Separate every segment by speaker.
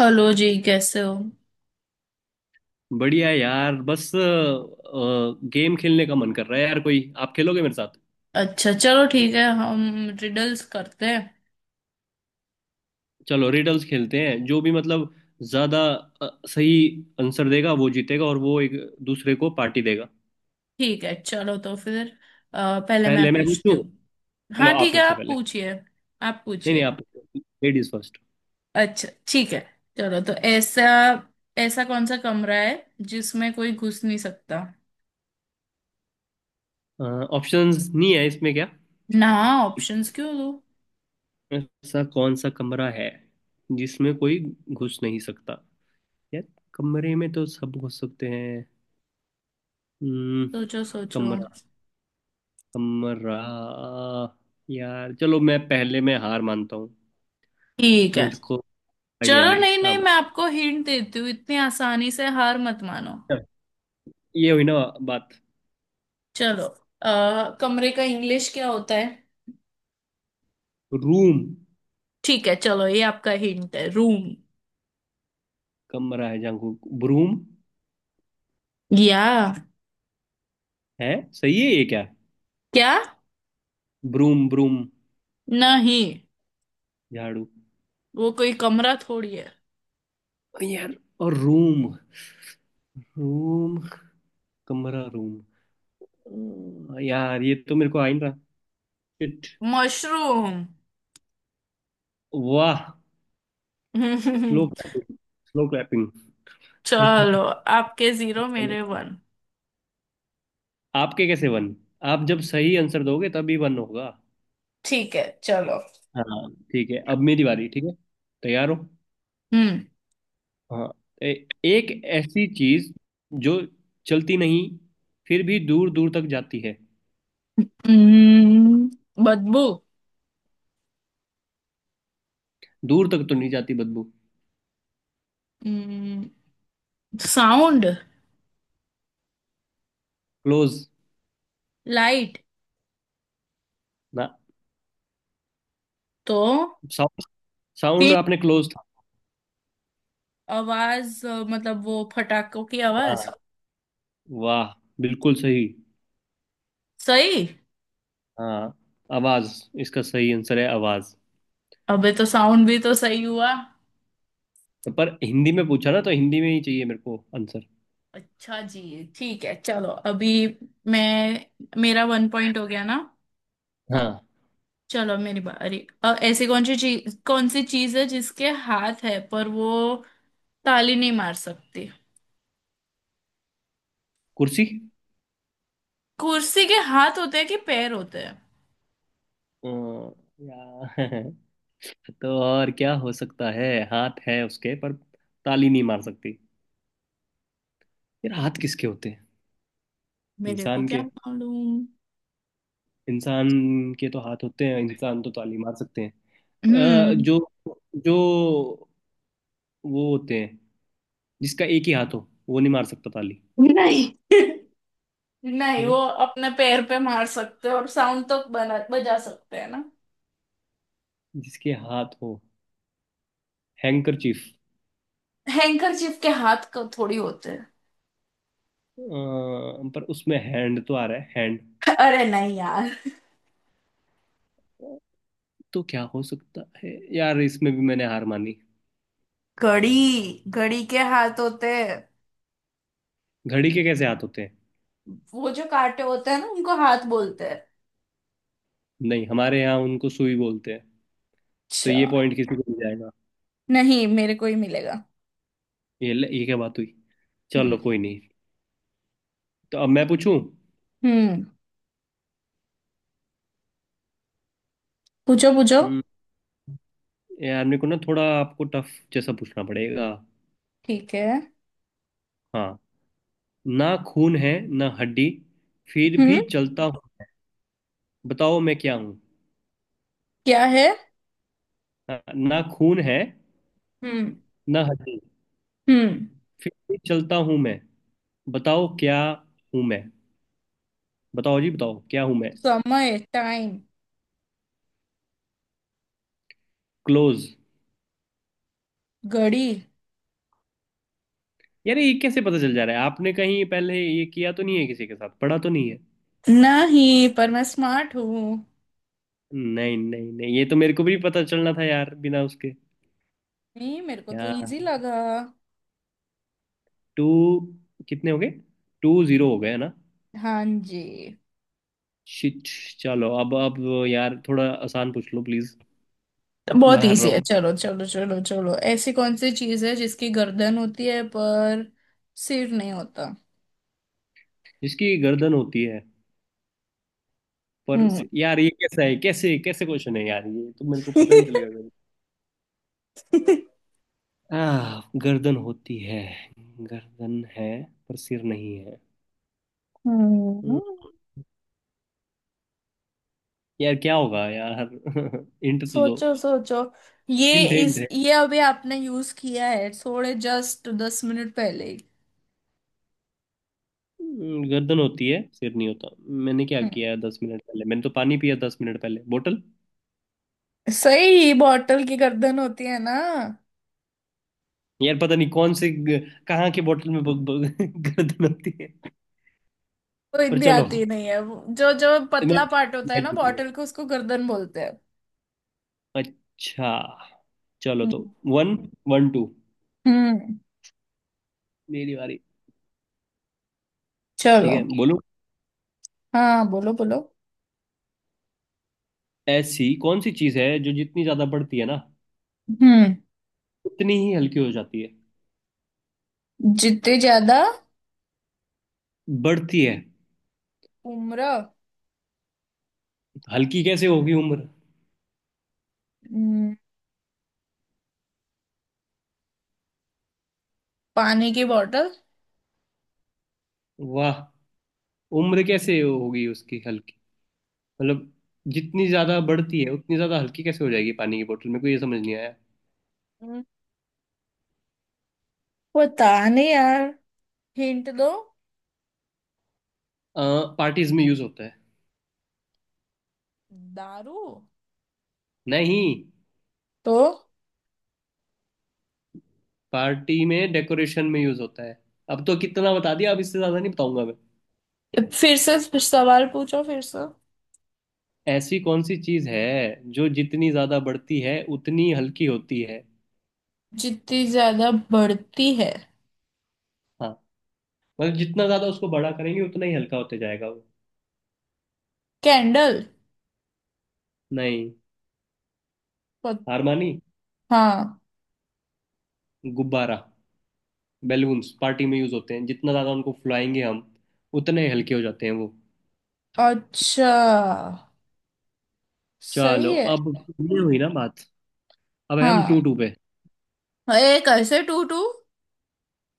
Speaker 1: Hello जी, कैसे हो?
Speaker 2: बढ़िया यार, बस गेम खेलने का मन कर रहा है। यार कोई आप खेलोगे मेरे साथ?
Speaker 1: अच्छा, चलो ठीक है, हम रिडल्स करते हैं।
Speaker 2: चलो रिडल्स खेलते हैं। जो भी मतलब ज्यादा सही आंसर देगा वो जीतेगा, और वो एक दूसरे को पार्टी देगा।
Speaker 1: ठीक है, चलो तो फिर पहले मैं
Speaker 2: पहले मैं
Speaker 1: पूछती
Speaker 2: पूछूं।
Speaker 1: हूँ।
Speaker 2: चलो
Speaker 1: हाँ,
Speaker 2: आप
Speaker 1: ठीक है,
Speaker 2: पूछो
Speaker 1: आप
Speaker 2: पहले।
Speaker 1: पूछिए। आप
Speaker 2: नहीं नहीं
Speaker 1: पूछिए।
Speaker 2: आप पूछो, लेडीज फर्स्ट।
Speaker 1: अच्छा, ठीक है, चलो तो ऐसा ऐसा कौन सा कमरा है जिसमें कोई घुस नहीं सकता?
Speaker 2: ऑप्शंस नहीं है इसमें क्या?
Speaker 1: ना, ऑप्शंस क्यों दो?
Speaker 2: ऐसा कौन सा कमरा है जिसमें कोई घुस नहीं सकता? यार कमरे में तो सब घुस सकते हैं। हम्म,
Speaker 1: सोचो सोचो।
Speaker 2: कमरा कमरा। यार चलो, मैं पहले में हार मानता हूँ।
Speaker 1: ठीक है,
Speaker 2: मुझको आइडिया
Speaker 1: चलो।
Speaker 2: नहीं
Speaker 1: नहीं
Speaker 2: है।
Speaker 1: नहीं,
Speaker 2: आप
Speaker 1: मैं आपको हिंट देती हूँ, इतनी आसानी से हार मत मानो।
Speaker 2: बताओ। ये हुई ना बात।
Speaker 1: चलो, कमरे का इंग्लिश क्या होता है?
Speaker 2: रूम।
Speaker 1: ठीक है, चलो, ये आपका हिंट है, रूम।
Speaker 2: कमरा है जहाँ को ब्रूम
Speaker 1: या
Speaker 2: है, सही है ये क्या?
Speaker 1: क्या?
Speaker 2: Broom broom.
Speaker 1: नहीं,
Speaker 2: झाड़ू।
Speaker 1: वो कोई कमरा थोड़ी है।
Speaker 2: यार और रूम। रूम कमरा रूम। हाँ, यार ये तो मेरे को आ ही नहीं रहा। शिट।
Speaker 1: मशरूम।
Speaker 2: वाह। Slow clapping. Slow clapping.
Speaker 1: चलो, आपके 0 मेरे 1।
Speaker 2: आपके कैसे वन? आप जब सही आंसर दोगे तभी वन होगा।
Speaker 1: ठीक है, चलो।
Speaker 2: हाँ ठीक है, अब मेरी बारी। ठीक है तैयार हो?
Speaker 1: हम्म।
Speaker 2: हाँ। ए- एक ऐसी चीज जो चलती नहीं, फिर भी दूर दूर तक जाती है।
Speaker 1: हम्म, बदबू।
Speaker 2: दूर तक तो नहीं जाती बदबू।
Speaker 1: हम्म, साउंड।
Speaker 2: क्लोज।
Speaker 1: लाइट।
Speaker 2: ना।
Speaker 1: तो
Speaker 2: साउंड। साउंड
Speaker 1: हिंट,
Speaker 2: आपने क्लोज था।
Speaker 1: आवाज, मतलब वो फटाकों की आवाज।
Speaker 2: हाँ। वाह, बिल्कुल सही।
Speaker 1: सही।
Speaker 2: हाँ, आवाज। इसका सही आंसर है आवाज।
Speaker 1: अबे तो साउंड भी तो सही हुआ।
Speaker 2: तो पर हिंदी में पूछा ना, तो हिंदी में ही चाहिए मेरे को आंसर।
Speaker 1: अच्छा जी, ठीक है, चलो अभी मैं, मेरा 1 पॉइंट हो गया ना।
Speaker 2: हाँ।
Speaker 1: चलो अब मेरी बारी। ऐसी कौन सी चीज है जिसके हाथ है पर वो ताली नहीं मार सकती?
Speaker 2: कुर्सी।
Speaker 1: कुर्सी के हाथ होते हैं कि पैर होते हैं?
Speaker 2: अ, या तो और क्या हो सकता है? हाथ है उसके पर ताली नहीं मार सकती। यार हाथ किसके होते हैं?
Speaker 1: मेरे को
Speaker 2: इंसान
Speaker 1: क्या
Speaker 2: के।
Speaker 1: मालूम।
Speaker 2: इंसान के तो हाथ होते हैं, इंसान तो ताली मार सकते हैं।
Speaker 1: हम्म।
Speaker 2: जो जो वो होते हैं जिसका एक ही हाथ हो वो नहीं मार सकता ताली।
Speaker 1: नहीं, नहीं,
Speaker 2: नहीं।
Speaker 1: वो अपने पैर पे मार सकते हैं और साउंड तो बना बजा सकते हैं ना।
Speaker 2: जिसके हाथ हो, हैंकरचीफ।
Speaker 1: हैंकरचीफ के हाथ को थोड़ी होते हैं।
Speaker 2: पर उसमें हैंड तो आ रहा है, हैंड।
Speaker 1: अरे नहीं यार।
Speaker 2: तो क्या हो सकता है यार? इसमें भी मैंने हार मानी।
Speaker 1: घड़ी, घड़ी के हाथ होते हैं,
Speaker 2: घड़ी के कैसे हाथ होते हैं?
Speaker 1: वो जो कांटे होते हैं ना उनको हाथ बोलते हैं।
Speaker 2: नहीं हमारे यहाँ उनको सुई बोलते हैं। तो
Speaker 1: अच्छा।
Speaker 2: ये पॉइंट किसी को मिल जाएगा?
Speaker 1: नहीं, मेरे को ही मिलेगा।
Speaker 2: ये क्या बात हुई? चलो
Speaker 1: हम्म।
Speaker 2: कोई नहीं। तो अब मैं पूछूं?
Speaker 1: हम्म, पूछो पूछो।
Speaker 2: हम्म, यार मेरे को ना थोड़ा आपको टफ जैसा पूछना पड़ेगा।
Speaker 1: ठीक है।
Speaker 2: हाँ। ना खून है, ना हड्डी, फिर
Speaker 1: हम्म।
Speaker 2: भी चलता हूँ। बताओ मैं क्या हूँ?
Speaker 1: क्या है?
Speaker 2: हाँ, ना खून है,
Speaker 1: हम्म।
Speaker 2: ना हड्डी,
Speaker 1: हम्म।
Speaker 2: फिर भी चलता हूँ मैं। बताओ क्या हूँ मैं? बताओ जी बताओ क्या हूँ मैं?
Speaker 1: समय, टाइम।
Speaker 2: क्लोज।
Speaker 1: घड़ी।
Speaker 2: यार ये कैसे पता चल जा रहा है? आपने कहीं पहले ये किया तो नहीं है? किसी के साथ पढ़ा तो नहीं है?
Speaker 1: नहीं, पर मैं स्मार्ट हूँ।
Speaker 2: नहीं नहीं नहीं, ये तो मेरे को भी पता चलना था यार बिना उसके।
Speaker 1: नहीं, मेरे को तो
Speaker 2: यार
Speaker 1: इजी लगा।
Speaker 2: टू कितने हो गए? टू जीरो हो गए है ना?
Speaker 1: हाँ जी।
Speaker 2: शिट। चलो अब, यार थोड़ा आसान पूछ लो प्लीज।
Speaker 1: तो
Speaker 2: मैं
Speaker 1: बहुत
Speaker 2: हार
Speaker 1: इजी
Speaker 2: रहा
Speaker 1: है,
Speaker 2: हूँ।
Speaker 1: चलो चलो चलो चलो, ऐसी कौन सी चीज है जिसकी गर्दन होती है पर सिर नहीं होता?
Speaker 2: जिसकी गर्दन होती है पर।
Speaker 1: हम्म।
Speaker 2: यार ये कैसा है? कैसे कैसे क्वेश्चन है यार? ये तो मेरे को पता ही नहीं चलेगा। गर्दन। आह, गर्दन होती है, गर्दन है पर सिर नहीं है।
Speaker 1: हम्म।
Speaker 2: हम्म, यार क्या होगा यार? हिंट तो दो।
Speaker 1: सोचो सोचो। ये
Speaker 2: हिंट हिंट।
Speaker 1: इस ये अभी आपने यूज किया है थोड़े, जस्ट 10 मिनट पहले ही।
Speaker 2: गर्दन होती है सिर नहीं होता। मैंने क्या
Speaker 1: हम्म।
Speaker 2: किया 10 मिनट पहले? मैंने तो पानी पिया 10 मिनट पहले, बोतल।
Speaker 1: सही, बॉटल की गर्दन होती है ना,
Speaker 2: यार पता नहीं कहाँ के बोतल में गर्दन होती है।
Speaker 1: तो
Speaker 2: पर
Speaker 1: हिंदी
Speaker 2: चलो,
Speaker 1: आती नहीं है। जो जो
Speaker 2: मैं
Speaker 1: पतला पार्ट होता है ना
Speaker 2: जीत गया।
Speaker 1: बॉटल को, उसको गर्दन बोलते हैं।
Speaker 2: अच्छा। चलो तो
Speaker 1: हम्म।
Speaker 2: One one two.
Speaker 1: हम्म।
Speaker 2: मेरी बारी।
Speaker 1: चलो।
Speaker 2: ठीक है बोलो।
Speaker 1: हाँ, बोलो बोलो।
Speaker 2: ऐसी कौन सी चीज है जो जितनी ज्यादा बढ़ती है ना
Speaker 1: हम्म।
Speaker 2: उतनी ही हल्की हो जाती है?
Speaker 1: जितने ज्यादा
Speaker 2: बढ़ती है।
Speaker 1: उम्र।
Speaker 2: हल्की कैसे होगी उम्र?
Speaker 1: हम्म, पानी की बॉटल।
Speaker 2: वाह। उम्र कैसे होगी उसकी हल्की? मतलब जितनी ज्यादा बढ़ती है उतनी ज्यादा हल्की कैसे हो जाएगी पानी की बोतल? मेरे को ये समझ नहीं आया।
Speaker 1: हम्म। पता नहीं यार, हिंट दो।
Speaker 2: पार्टीज में यूज होता है।
Speaker 1: दारू।
Speaker 2: नहीं।
Speaker 1: तो
Speaker 2: पार्टी में डेकोरेशन में यूज होता है। अब तो कितना बता दिया, अब इससे ज्यादा नहीं बताऊंगा मैं।
Speaker 1: फिर से सवाल पूछो, फिर से
Speaker 2: ऐसी कौन सी चीज है जो जितनी ज्यादा बढ़ती है उतनी हल्की होती है?
Speaker 1: जितनी ज्यादा बढ़ती है।
Speaker 2: हाँ। मतलब जितना ज्यादा उसको बड़ा करेंगे उतना ही हल्का होते जाएगा वो।
Speaker 1: कैंडल।
Speaker 2: नहीं।
Speaker 1: पत-
Speaker 2: हार मानी।
Speaker 1: हाँ।
Speaker 2: गुब्बारा। बैलून्स पार्टी में यूज होते हैं, जितना ज्यादा उनको फुलाएंगे हम उतने हल्के हो जाते हैं वो।
Speaker 1: अच्छा, सही
Speaker 2: चलो
Speaker 1: है।
Speaker 2: अब। ये हुई ना बात। अब है हम टू
Speaker 1: हाँ,
Speaker 2: टू पे।
Speaker 1: एक ऐसे 2-2।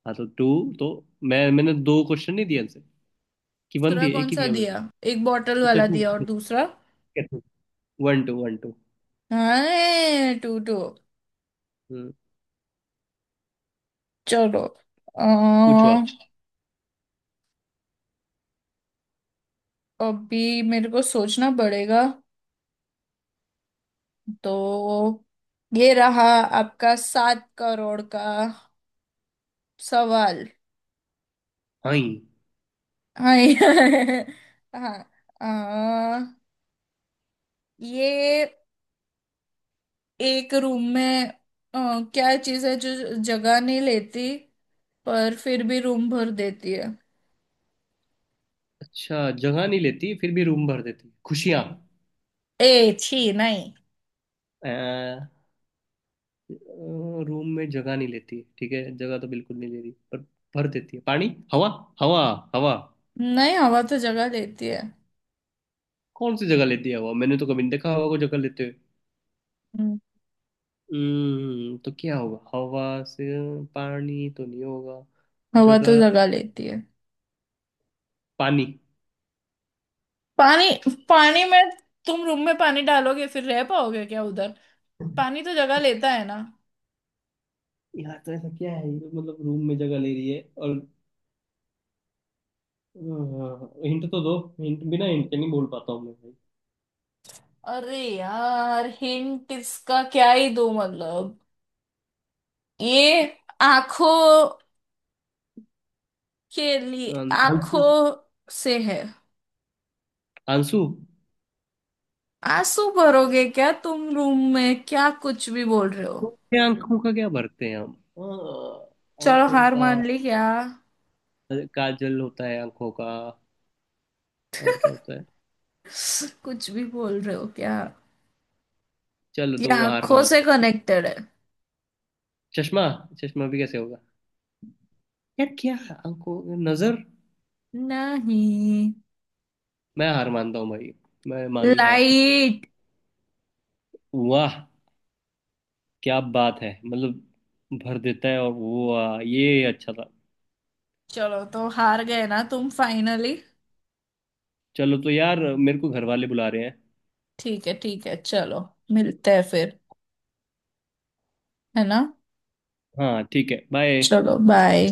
Speaker 2: हाँ तो टू तो मैं मैंने दो क्वेश्चन नहीं दिए आंसर। कि वन
Speaker 1: दूसरा
Speaker 2: दिए, एक
Speaker 1: कौन
Speaker 2: ही
Speaker 1: सा
Speaker 2: दिया मैंने।
Speaker 1: दिया? एक बॉटल
Speaker 2: अच्छा
Speaker 1: वाला दिया और
Speaker 2: ठीक
Speaker 1: दूसरा।
Speaker 2: है। One two one two.
Speaker 1: हाँ, 2-2।
Speaker 2: हम्म।
Speaker 1: चलो। अ,
Speaker 2: पूछो आप।
Speaker 1: अभी मेरे को सोचना पड़ेगा। तो ये रहा आपका 7 करोड़ का सवाल।
Speaker 2: हाँ।
Speaker 1: हाँ, हाँ। अ, ये एक रूम में, क्या चीज है जो जगह नहीं लेती पर फिर भी रूम भर देती है?
Speaker 2: अच्छा, जगह नहीं लेती फिर भी रूम भर देती, खुशियाँ।
Speaker 1: ए छी नहीं।
Speaker 2: अ, रूम में जगह नहीं लेती ठीक है, जगह तो बिल्कुल नहीं ले रही पर भर देती है पानी। हवा हवा हवा।
Speaker 1: नहीं, हवा तो जगह लेती है।
Speaker 2: कौन सी जगह लेती है हवा? मैंने तो कभी नहीं देखा हवा को जगह लेते हुए।
Speaker 1: हम्म,
Speaker 2: तो क्या होगा हवा से? पानी तो नहीं होगा।
Speaker 1: हवा तो
Speaker 2: जगह
Speaker 1: जगह लेती है।
Speaker 2: पानी।
Speaker 1: पानी। पानी में, तुम रूम में पानी डालोगे फिर रह पाओगे क्या उधर? पानी तो जगह लेता है ना।
Speaker 2: यार तो ऐसा क्या है? ये तो मतलब रूम में जगह ले रही है और, हिंट तो दो। हिंट बिना हिंट के नहीं बोल पाता हूँ मैं भाई।
Speaker 1: अरे यार, हिंट इसका क्या ही दूं, मतलब ये आंखों के लिए,
Speaker 2: आंसू।
Speaker 1: आंखों से है।
Speaker 2: आंसू।
Speaker 1: आंसू भरोगे क्या तुम रूम में, क्या कुछ भी बोल रहे हो?
Speaker 2: ये आंखों का क्या भरते हैं हम? हाँ,
Speaker 1: चलो,
Speaker 2: आंखों
Speaker 1: हार
Speaker 2: का
Speaker 1: मान ली क्या?
Speaker 2: काजल होता है, आंखों का और क्या होता है?
Speaker 1: कुछ भी बोल रहे हो क्या?
Speaker 2: चलो
Speaker 1: ये
Speaker 2: तो हार
Speaker 1: आंखों
Speaker 2: मानता
Speaker 1: से
Speaker 2: हूँ।
Speaker 1: कनेक्टेड है।
Speaker 2: चश्मा। चश्मा भी कैसे होगा? यार क्या? आंखों, नजर।
Speaker 1: नहीं,
Speaker 2: मैं हार मानता हूँ भाई। मैं मानी हार।
Speaker 1: लाइट।
Speaker 2: वाह। क्या बात है? मतलब भर देता है और वो, वाह, ये अच्छा था।
Speaker 1: चलो, तो हार गए ना तुम फाइनली।
Speaker 2: चलो तो यार मेरे को घर वाले बुला रहे हैं।
Speaker 1: ठीक है, ठीक है, चलो, मिलते हैं फिर, है ना।
Speaker 2: हाँ ठीक है, बाय।
Speaker 1: चलो, बाय।